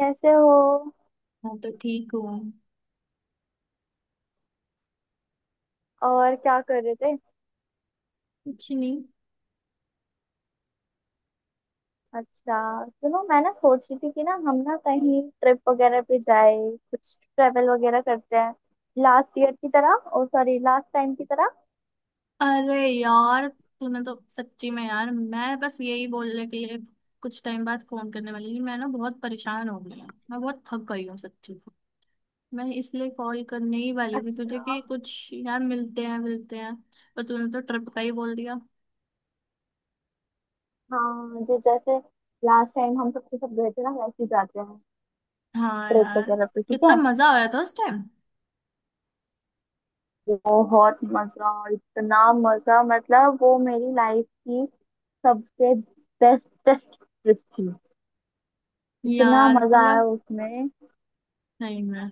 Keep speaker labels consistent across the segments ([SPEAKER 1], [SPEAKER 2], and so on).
[SPEAKER 1] कैसे हो।
[SPEAKER 2] मैं तो ठीक हूँ।
[SPEAKER 1] और क्या कर रहे थे।
[SPEAKER 2] कुछ नहीं।
[SPEAKER 1] अच्छा, सुनो मैं ना सोच रही थी कि ना हम ना कहीं ट्रिप वगैरह पे जाए, कुछ ट्रेवल वगैरह करते हैं, लास्ट ईयर की तरह, ओ सॉरी लास्ट टाइम की तरह।
[SPEAKER 2] अरे यार तूने तो सच्ची में, यार मैं बस यही बोलने के लिए कुछ टाइम बाद फोन करने वाली थी। मैं ना बहुत परेशान हो गई हूँ, मैं बहुत थक गई हूँ सच्ची में। मैं इसलिए कॉल करने ही वाली थी तुझे
[SPEAKER 1] अच्छा।
[SPEAKER 2] कि कुछ यार मिलते हैं मिलते हैं। पर तूने तो ट्रिप का ही बोल दिया।
[SPEAKER 1] हाँ जो जैसे लास्ट टाइम हम सबके सब गए थे ना, वैसे ही जाते हैं
[SPEAKER 2] हाँ
[SPEAKER 1] ट्रिप
[SPEAKER 2] यार,
[SPEAKER 1] वगैरह पे, ठीक है।
[SPEAKER 2] कितना मजा आया था उस टाइम।
[SPEAKER 1] बहुत मजा, इतना मजा, मतलब वो मेरी लाइफ की सबसे बेस्टेस्ट ट्रिप थी। इतना
[SPEAKER 2] यार
[SPEAKER 1] मजा आया
[SPEAKER 2] मतलब,
[SPEAKER 1] उसमें।
[SPEAKER 2] नहीं मैं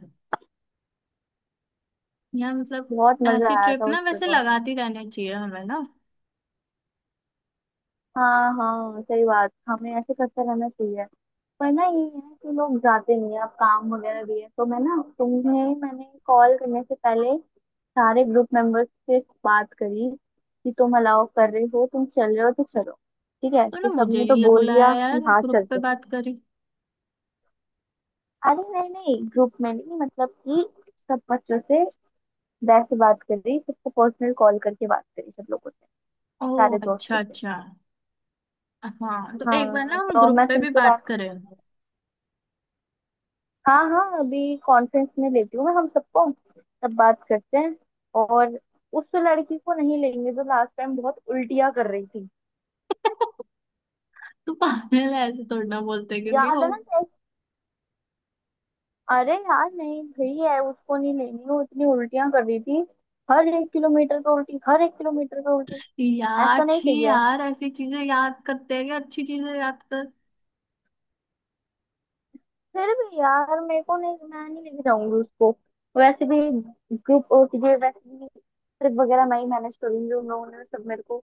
[SPEAKER 2] यार मतलब
[SPEAKER 1] बहुत मजा
[SPEAKER 2] ऐसी
[SPEAKER 1] आया था
[SPEAKER 2] ट्रिप
[SPEAKER 1] उस
[SPEAKER 2] ना
[SPEAKER 1] पे
[SPEAKER 2] वैसे
[SPEAKER 1] तो।
[SPEAKER 2] लगाती रहनी चाहिए हमें ना।
[SPEAKER 1] हाँ हाँ सही बात, हमें ऐसे करते रहना चाहिए। पर ना ये है कि लोग जाते नहीं है, अब काम वगैरह भी है, तो मैं ना तुम्हें मैंने कॉल करने से पहले सारे ग्रुप मेंबर्स से बात करी कि तुम अलाउ कर रहे हो, तुम चल रहे हो तो चलो, ठीक है।
[SPEAKER 2] तो ना
[SPEAKER 1] तो
[SPEAKER 2] मुझे
[SPEAKER 1] सबने तो
[SPEAKER 2] नहीं
[SPEAKER 1] बोल
[SPEAKER 2] बुलाया
[SPEAKER 1] दिया
[SPEAKER 2] यार,
[SPEAKER 1] कि हाँ
[SPEAKER 2] ग्रुप पे
[SPEAKER 1] चलते हैं।
[SPEAKER 2] बात करी।
[SPEAKER 1] अरे नहीं नहीं, ग्रुप में नहीं, मतलब कि सब बच्चों से वैसे बात करी, सबको पर्सनल कॉल करके बात करी सब लोगों से,
[SPEAKER 2] ओ
[SPEAKER 1] सारे
[SPEAKER 2] अच्छा
[SPEAKER 1] दोस्तों से।
[SPEAKER 2] अच्छा। हाँ तो एक बार ना
[SPEAKER 1] हाँ
[SPEAKER 2] हम
[SPEAKER 1] तो
[SPEAKER 2] ग्रुप
[SPEAKER 1] मैं
[SPEAKER 2] पे भी
[SPEAKER 1] तुमसे
[SPEAKER 2] बात
[SPEAKER 1] बात,
[SPEAKER 2] करें।
[SPEAKER 1] हाँ हाँ अभी कॉन्फ्रेंस में लेती हूँ मैं हम सबको, तब बात करते हैं। और उस लड़की को नहीं लेंगे जो लास्ट टाइम बहुत उल्टियाँ कर रही थी।
[SPEAKER 2] तू पागल है, ऐसे थोड़ी ना बोलते किसी
[SPEAKER 1] याद
[SPEAKER 2] को।
[SPEAKER 1] है ना टेस्ट। अरे यार नहीं भाई है, उसको नहीं लेनी, वो इतनी उल्टियाँ कर रही थी, हर एक किलोमीटर पे उल्टी, हर एक किलोमीटर पे उल्टी।
[SPEAKER 2] यार
[SPEAKER 1] ऐसा नहीं
[SPEAKER 2] छी
[SPEAKER 1] चाहिए।
[SPEAKER 2] यार, ऐसी चीजें याद करते हैं कि अच्छी चीजें याद कर।
[SPEAKER 1] फिर भी यार मेरे को नहीं, मैं नहीं लेके जाऊंगी उसको। वैसे भी ग्रुप, ये वैसे भी ट्रिप वगैरह मैं ही मैनेज करूंगी। उन लोगों ने सब मेरे को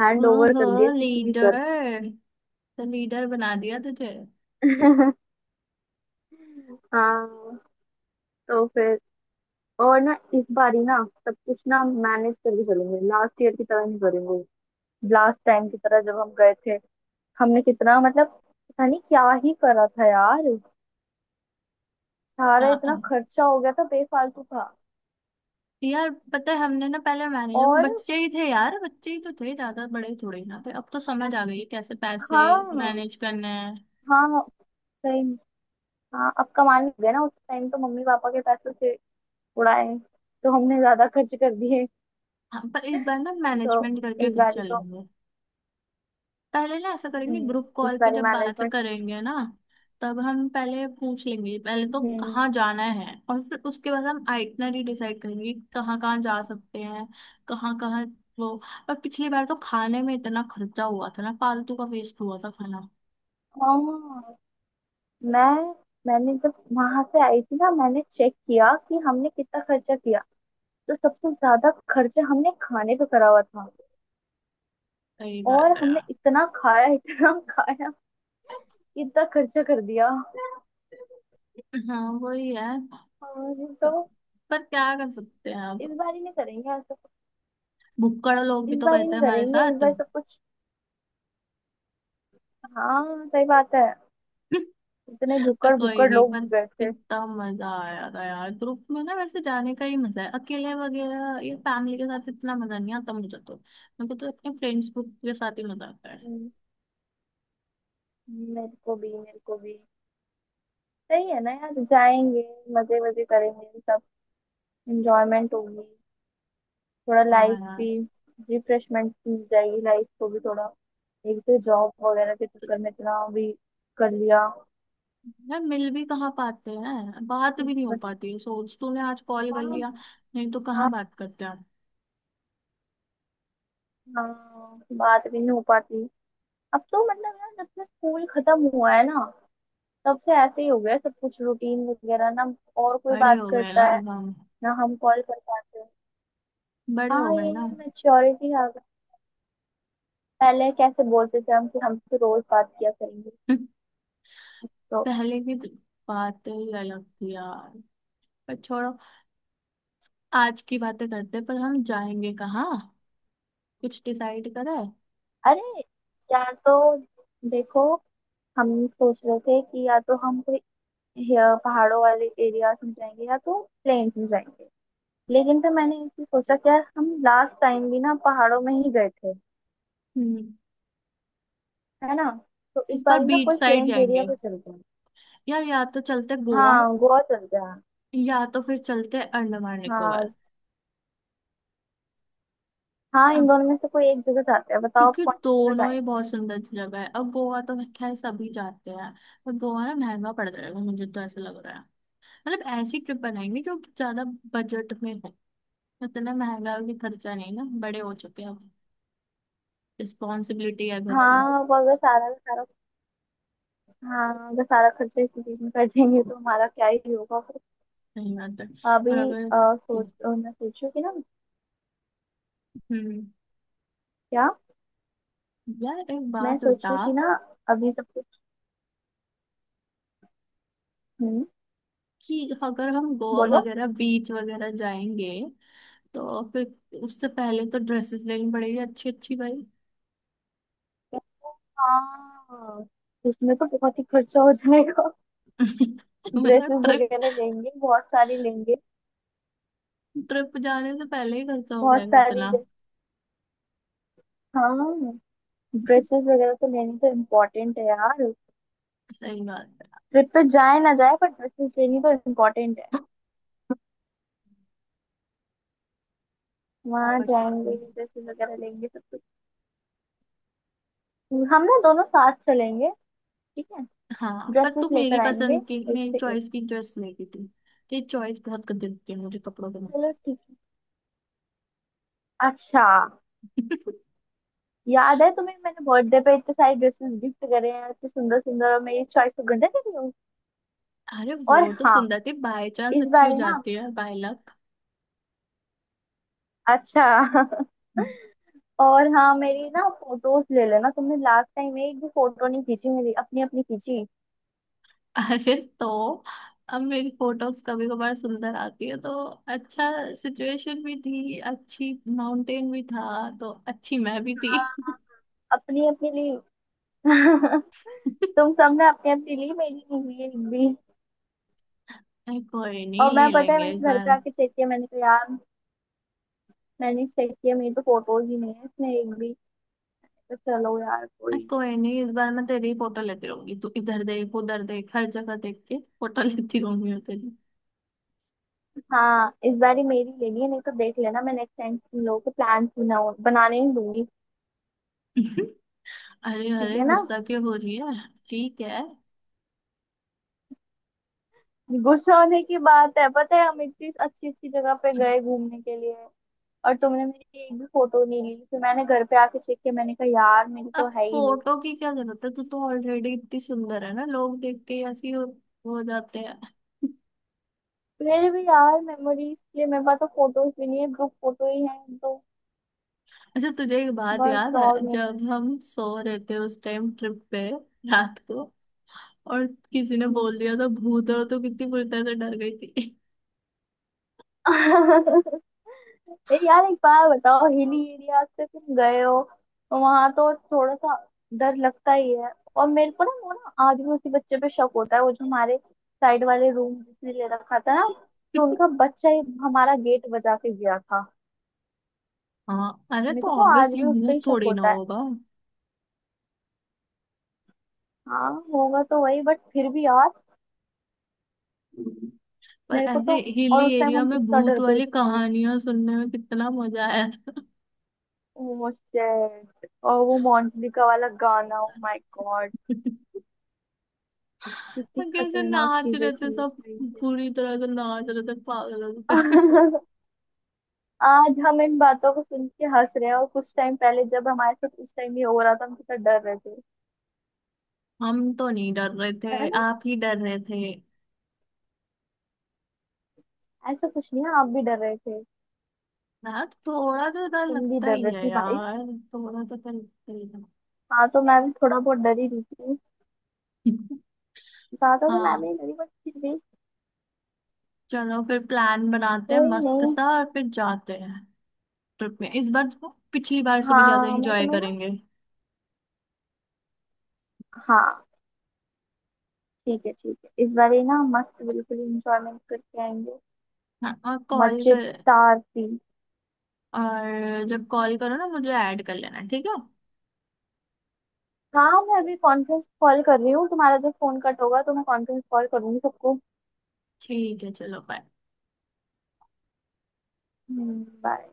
[SPEAKER 1] हैंड ओवर
[SPEAKER 2] ओहो
[SPEAKER 1] कर दिया कि तू ही कर।
[SPEAKER 2] लीडर, तो लीडर बना दिया तुझे।
[SPEAKER 1] हाँ। तो फिर, और ना इस बार ही ना सब कुछ ना मैनेज करके चलेंगे, लास्ट ईयर की तरह नहीं करेंगे। लास्ट टाइम की तरह जब हम गए थे, हमने कितना मतलब पता नहीं क्या ही करा था यार, सारा
[SPEAKER 2] या,
[SPEAKER 1] इतना खर्चा हो गया था बेफालतू का।
[SPEAKER 2] यार पता है हमने ना पहले मैनेजर,
[SPEAKER 1] और
[SPEAKER 2] बच्चे ही थे यार, बच्चे ही तो थे, ज्यादा बड़े थोड़े ना थे। अब तो समझ आ गई है कैसे पैसे
[SPEAKER 1] हाँ।
[SPEAKER 2] मैनेज करने हैं।
[SPEAKER 1] हाँ सही में। हाँ अब कमाने लग गए ना, उस टाइम तो मम्मी पापा के पैसों से उड़ाए, तो हमने ज्यादा खर्च कर दिए।
[SPEAKER 2] हाँ, पर इस बार ना
[SPEAKER 1] तो
[SPEAKER 2] मैनेजमेंट करके
[SPEAKER 1] इस
[SPEAKER 2] कुछ
[SPEAKER 1] बारी तो,
[SPEAKER 2] चलेंगे। पहले ना ऐसा करेंगे, ग्रुप
[SPEAKER 1] इस
[SPEAKER 2] कॉल पे
[SPEAKER 1] बारी
[SPEAKER 2] जब बात
[SPEAKER 1] मैनेजमेंट।
[SPEAKER 2] करेंगे ना, तब हम पहले पूछ लेंगे पहले तो कहाँ
[SPEAKER 1] हम्म।
[SPEAKER 2] जाना है, और फिर उसके बाद हम आइटनरी डिसाइड करेंगे कि कहाँ कहाँ जा सकते हैं। कहाँ कहाँ वो। और पिछली बार तो खाने में इतना खर्चा हुआ था ना, फालतू का वेस्ट हुआ था खाना।
[SPEAKER 1] हाँ मैं, मैंने जब वहां से आई थी ना, मैंने चेक किया कि हमने कितना खर्चा किया, तो सबसे ज्यादा खर्चा हमने खाने पे करा हुआ था।
[SPEAKER 2] सही
[SPEAKER 1] और
[SPEAKER 2] बात है
[SPEAKER 1] हमने
[SPEAKER 2] यार।
[SPEAKER 1] इतना खाया, इतना खाया, इतना खर्चा कर दिया।
[SPEAKER 2] हाँ वही है।
[SPEAKER 1] और
[SPEAKER 2] पर
[SPEAKER 1] तो
[SPEAKER 2] पर क्या कर सकते हैं अब।
[SPEAKER 1] इस बार ही नहीं करेंगे ऐसा,
[SPEAKER 2] भुक्कड़ लोग भी
[SPEAKER 1] इस
[SPEAKER 2] तो
[SPEAKER 1] बार
[SPEAKER 2] गए
[SPEAKER 1] ही
[SPEAKER 2] थे
[SPEAKER 1] नहीं
[SPEAKER 2] हमारे
[SPEAKER 1] करेंगे, इस
[SPEAKER 2] साथ।
[SPEAKER 1] बार सब कुछ। हाँ सही बात है। इतने
[SPEAKER 2] पर
[SPEAKER 1] भुक्कड़
[SPEAKER 2] कोई
[SPEAKER 1] भुक्कड़
[SPEAKER 2] नहीं,
[SPEAKER 1] लोग
[SPEAKER 2] पर
[SPEAKER 1] गए थे।
[SPEAKER 2] कितना मजा आया था यार, ग्रुप में ना वैसे जाने का ही मजा है। अकेले वगैरह ये फैमिली के साथ इतना मजा नहीं आता मुझे तो, मेरे को तो अपने फ्रेंड्स ग्रुप के साथ ही मजा आता है।
[SPEAKER 1] हम्म, मेरे को भी मेरे को भी। सही है ना यार, जाएंगे, मजे मजे करेंगे सब, एंजॉयमेंट होगी, थोड़ा
[SPEAKER 2] हाँ
[SPEAKER 1] लाइफ
[SPEAKER 2] यार।
[SPEAKER 1] भी रिफ्रेशमेंट मिल जाएगी लाइफ को भी थोड़ा। एक तो जॉब वगैरह के
[SPEAKER 2] तो
[SPEAKER 1] चक्कर में इतना भी कर लिया।
[SPEAKER 2] यार मिल भी कहाँ पाते हैं, बात भी नहीं हो
[SPEAKER 1] बट
[SPEAKER 2] पाती है। सोच तूने आज कॉल कर
[SPEAKER 1] हाँ।
[SPEAKER 2] लिया, नहीं तो कहाँ
[SPEAKER 1] हाँ,
[SPEAKER 2] बात करते आप।
[SPEAKER 1] हाँ बात भी नहीं हो पाती। अब तो मतलब यार जब से स्कूल खत्म हुआ है ना, तब से ऐसे ही हो गया है सब कुछ, रूटीन वगैरह ना, और कोई
[SPEAKER 2] बड़े
[SPEAKER 1] बात
[SPEAKER 2] हो गए
[SPEAKER 1] करता
[SPEAKER 2] ना
[SPEAKER 1] है
[SPEAKER 2] अब हम,
[SPEAKER 1] ना, हम कॉल कर पाते हैं।
[SPEAKER 2] बड़े हो
[SPEAKER 1] हाँ
[SPEAKER 2] गए ना।
[SPEAKER 1] ये मेच्योरिटी आ गई। पहले कैसे बोलते थे हम कि हमसे रोज बात किया करेंगे। तो
[SPEAKER 2] पहले की तो बातें ही अलग थी यार। पर छोड़ो, आज की बातें करते हैं, पर हम जाएंगे कहाँ? कुछ डिसाइड करा?
[SPEAKER 1] अरे, या तो, देखो, हम सोच रहे थे कि या तो हम कोई पहाड़ों वाले एरियाज में जाएंगे या तो प्लेन्स में जाएंगे। लेकिन फिर मैंने ये चीज सोचा कि यार हम लास्ट टाइम भी ना पहाड़ों में ही गए थे,
[SPEAKER 2] हम्म,
[SPEAKER 1] है ना। तो इस
[SPEAKER 2] इस बार
[SPEAKER 1] बार ही ना
[SPEAKER 2] बीच
[SPEAKER 1] कोई
[SPEAKER 2] साइड
[SPEAKER 1] प्लेन्स एरिया
[SPEAKER 2] जाएंगे।
[SPEAKER 1] पे चलते हैं।
[SPEAKER 2] या तो चलते गोवा,
[SPEAKER 1] हाँ गोवा चलते हैं।
[SPEAKER 2] या तो फिर चलते अंडमान निकोबार।
[SPEAKER 1] हाँ हाँ इन
[SPEAKER 2] अब
[SPEAKER 1] दोनों में से कोई एक जगह जाते हैं, बताओ आप
[SPEAKER 2] क्योंकि
[SPEAKER 1] कौन सी जगह
[SPEAKER 2] दोनों ही
[SPEAKER 1] जाएंगे।
[SPEAKER 2] बहुत सुंदर जगह है, अब गोवा तो खैर सभी जाते हैं, पर गोवा ना महंगा पड़ जाएगा मुझे तो ऐसा लग रहा है। मतलब ऐसी ट्रिप बनाएंगे जो ज्यादा बजट में हो, इतना महंगा भी खर्चा नहीं ना, बड़े हो चुके हैं अब, रिस्पॉन्सिबिलिटी है घर पे।
[SPEAKER 1] हाँ वो अगर सारा का सारा, हाँ अगर सारा खर्चा इसी चीज में कर देंगे तो हमारा क्या ही होगा फिर।
[SPEAKER 2] नहीं आता। और
[SPEAKER 1] अभी
[SPEAKER 2] अगर,
[SPEAKER 1] सोच, मैं सोचू कि ना,
[SPEAKER 2] हम्म,
[SPEAKER 1] क्या,
[SPEAKER 2] यार एक
[SPEAKER 1] मैं
[SPEAKER 2] बात बता,
[SPEAKER 1] सोचू कि ना, अभी सब। हम्म,
[SPEAKER 2] कि अगर हम गोवा
[SPEAKER 1] बोलो।
[SPEAKER 2] वगैरह बीच वगैरह जाएंगे, तो फिर उससे पहले तो ड्रेसेस लेनी पड़ेगी अच्छी अच्छी भाई।
[SPEAKER 1] हाँ उसमें तो बहुत ही खर्चा हो जाएगा।
[SPEAKER 2] मतलब
[SPEAKER 1] ड्रेसेस
[SPEAKER 2] ट्रिप,
[SPEAKER 1] वगैरह लेंगे, बहुत सारी लेंगे,
[SPEAKER 2] ट्रिप जाने से पहले ही खर्चा हो
[SPEAKER 1] बहुत
[SPEAKER 2] जाएगा
[SPEAKER 1] सारी
[SPEAKER 2] इतना।
[SPEAKER 1] ड्रे- हाँ, ड्रेसेस वगैरह तो लेनी तो इम्पोर्टेंट है यार।
[SPEAKER 2] सही बात है।
[SPEAKER 1] ट्रिप पे जाए ना जाए, पर ड्रेसेस लेनी तो इम्पोर्टेंट है।
[SPEAKER 2] क्या
[SPEAKER 1] वहाँ
[SPEAKER 2] कर सकते
[SPEAKER 1] जाएंगे,
[SPEAKER 2] हैं।
[SPEAKER 1] ड्रेसेस वगैरह लेंगे सब कुछ। हम ना दोनों साथ चलेंगे, ठीक है।
[SPEAKER 2] हाँ पर
[SPEAKER 1] ड्रेसेस
[SPEAKER 2] तू मेरी
[SPEAKER 1] लेकर आएंगे
[SPEAKER 2] पसंद की,
[SPEAKER 1] एक
[SPEAKER 2] मेरी
[SPEAKER 1] से एक।
[SPEAKER 2] चॉइस की ड्रेस लेती थी। तेरी चॉइस बहुत कर देती है मुझे कपड़ों के में।
[SPEAKER 1] चलो ठीक है। अच्छा। याद है तुम्हें मैंने बर्थडे पे इतने सारे ड्रेसेस गिफ्ट करे हैं, इतने सुंदर सुंदर, और मेरी चॉइस को गंदा नहीं हूँ।
[SPEAKER 2] अरे
[SPEAKER 1] और
[SPEAKER 2] वो तो
[SPEAKER 1] हाँ
[SPEAKER 2] सुंदर थी बाय चांस,
[SPEAKER 1] इस
[SPEAKER 2] अच्छी हो
[SPEAKER 1] बार ही ना,
[SPEAKER 2] जाती है बाय लक।
[SPEAKER 1] अच्छा। और हाँ मेरी ना फोटोज ले लेना, तुमने लास्ट टाइम एक भी फोटो नहीं खींची मेरी, अपनी अपनी खींची।
[SPEAKER 2] अरे तो अब मेरी फोटोज कभी कभार सुंदर आती है तो। अच्छा, सिचुएशन भी थी अच्छी, माउंटेन भी था, तो अच्छी मैं भी थी।
[SPEAKER 1] हाँ अपनी अपनी ली। तुम सबने अपनी अपनी ली, मेरी नहीं हुई एक भी।
[SPEAKER 2] अरे कोई नहीं,
[SPEAKER 1] और मैं,
[SPEAKER 2] ले
[SPEAKER 1] पता है
[SPEAKER 2] लेंगे इस
[SPEAKER 1] मैंने घर
[SPEAKER 2] बार।
[SPEAKER 1] पे आके चेक किया, मैंने कहा यार, मैंने चेक किया मेरी तो फोटोज ही नहीं है इसमें एक भी। तो चलो यार
[SPEAKER 2] अरे
[SPEAKER 1] कोई।
[SPEAKER 2] कोई नहीं, इस बार मैं तेरी फोटो लेती रहूंगी। तू इधर देख, उधर देख, हर जगह देख के फोटो लेती रहूंगी मैं तेरी।
[SPEAKER 1] हाँ इस बार ही मेरी लेनी है, नहीं तो देख लेना मैं नेक्स्ट टाइम तुम लोगों को प्लान बनाऊ बनाने नहीं दूंगी।
[SPEAKER 2] अरे
[SPEAKER 1] ठीक
[SPEAKER 2] अरे
[SPEAKER 1] है ना।
[SPEAKER 2] गुस्सा क्यों हो रही है। ठीक है।
[SPEAKER 1] गुस्सा होने की बात है, पता है, हम इतनी अच्छी अच्छी जगह पे गए घूमने के लिए और तुमने मेरी एक भी फोटो नहीं ली। फिर मैंने घर पे आके चेक किया, मैंने कहा यार मेरी तो
[SPEAKER 2] अब
[SPEAKER 1] है ही नहीं।
[SPEAKER 2] फोटो की क्या जरूरत है, तू तो ऑलरेडी इतनी सुंदर है ना, लोग देख के ऐसे ही हो जाते हैं।
[SPEAKER 1] मेरे भी यार मेमोरीज के लिए, मेरे पास तो फोटोज भी नहीं है, ग्रुप फोटो ही है तो,
[SPEAKER 2] अच्छा तुझे एक बात याद
[SPEAKER 1] बस
[SPEAKER 2] है,
[SPEAKER 1] और नहीं
[SPEAKER 2] जब
[SPEAKER 1] है।
[SPEAKER 2] हम सो रहे थे उस टाइम ट्रिप पे, रात को, और किसी ने
[SPEAKER 1] हम्म,
[SPEAKER 2] बोल दिया था भूत है,
[SPEAKER 1] हम्म।
[SPEAKER 2] तो कितनी बुरी तरह से डर गई थी।
[SPEAKER 1] ए यार एक बार बताओ, हिली एरिया से तुम गए हो तो वहां तो थोड़ा सा डर लगता ही है। और मेरे को ना वो ना आदिवासी बच्चे पे शक होता है, वो जो हमारे साइड वाले रूम जिसने ले रखा था ना, कि उनका बच्चा ही हमारा गेट बजा के गया था।
[SPEAKER 2] हाँ। अरे
[SPEAKER 1] मेरे
[SPEAKER 2] तो
[SPEAKER 1] को तो आज
[SPEAKER 2] ऑब्वियसली
[SPEAKER 1] भी उस पे ही
[SPEAKER 2] भूत
[SPEAKER 1] शक
[SPEAKER 2] थोड़ी ना
[SPEAKER 1] होता है।
[SPEAKER 2] होगा।
[SPEAKER 1] हाँ होगा तो वही, बट फिर भी यार।
[SPEAKER 2] पर
[SPEAKER 1] मेरे को तो,
[SPEAKER 2] ऐसे
[SPEAKER 1] और
[SPEAKER 2] हिली
[SPEAKER 1] उस टाइम
[SPEAKER 2] एरिया
[SPEAKER 1] हम
[SPEAKER 2] में
[SPEAKER 1] कितना
[SPEAKER 2] भूत
[SPEAKER 1] डर गए
[SPEAKER 2] वाली
[SPEAKER 1] थे।
[SPEAKER 2] कहानियां सुनने में कितना मजा आया था।
[SPEAKER 1] ओ शिट, और वो मोंटली का वाला गाना, ओ माय गॉड, कितनी
[SPEAKER 2] और कैसे
[SPEAKER 1] खतरनाक
[SPEAKER 2] नाच
[SPEAKER 1] चीजें
[SPEAKER 2] रहे थे
[SPEAKER 1] थी उस
[SPEAKER 2] सब,
[SPEAKER 1] टाइम पे।
[SPEAKER 2] पूरी तरह से नाच रहे थे पागलों की तरह।
[SPEAKER 1] आज हम इन बातों को सुन के हंस रहे हैं, और कुछ टाइम पहले जब हमारे साथ इस टाइम ये हो रहा था, हम कितना डर रहे थे,
[SPEAKER 2] हम तो नहीं डर रहे थे,
[SPEAKER 1] है ना।
[SPEAKER 2] आप ही डर रहे थे।
[SPEAKER 1] ऐसा कुछ नहीं है, आप भी डर रहे थे,
[SPEAKER 2] ना थोड़ा तो डर
[SPEAKER 1] तुम भी
[SPEAKER 2] लगता
[SPEAKER 1] डर
[SPEAKER 2] ही
[SPEAKER 1] रहे
[SPEAKER 2] है
[SPEAKER 1] थे भाई।
[SPEAKER 2] यार, थोड़ा तो डर लगता ही है।
[SPEAKER 1] हाँ तो मैं भी थोड़ा बहुत डरी रही थी, ज्यादा तो मैं भी
[SPEAKER 2] हाँ
[SPEAKER 1] नहीं डरी, बट फिर भी।
[SPEAKER 2] चलो फिर प्लान बनाते हैं
[SPEAKER 1] कोई
[SPEAKER 2] मस्त
[SPEAKER 1] नहीं।
[SPEAKER 2] सा, और फिर जाते हैं। ट्रिप में इस बार तो पिछली बार से भी ज्यादा
[SPEAKER 1] हाँ मैं
[SPEAKER 2] एंजॉय
[SPEAKER 1] तुम्हें ना,
[SPEAKER 2] करेंगे।
[SPEAKER 1] हाँ ठीक है, ठीक है इस बार ये ना मस्त बिल्कुल इंजॉयमेंट करके आएंगे।
[SPEAKER 2] हाँ और कॉल कर,
[SPEAKER 1] मजेदार थी।
[SPEAKER 2] और जब कॉल करो ना मुझे ऐड कर लेना, ठीक है।
[SPEAKER 1] हाँ मैं अभी कॉन्फ्रेंस कॉल कर रही हूँ, तुम्हारा जब फोन कट होगा तो मैं कॉन्फ्रेंस कॉल करूंगी सबको।
[SPEAKER 2] ठीक है चलो बाय।
[SPEAKER 1] बाय।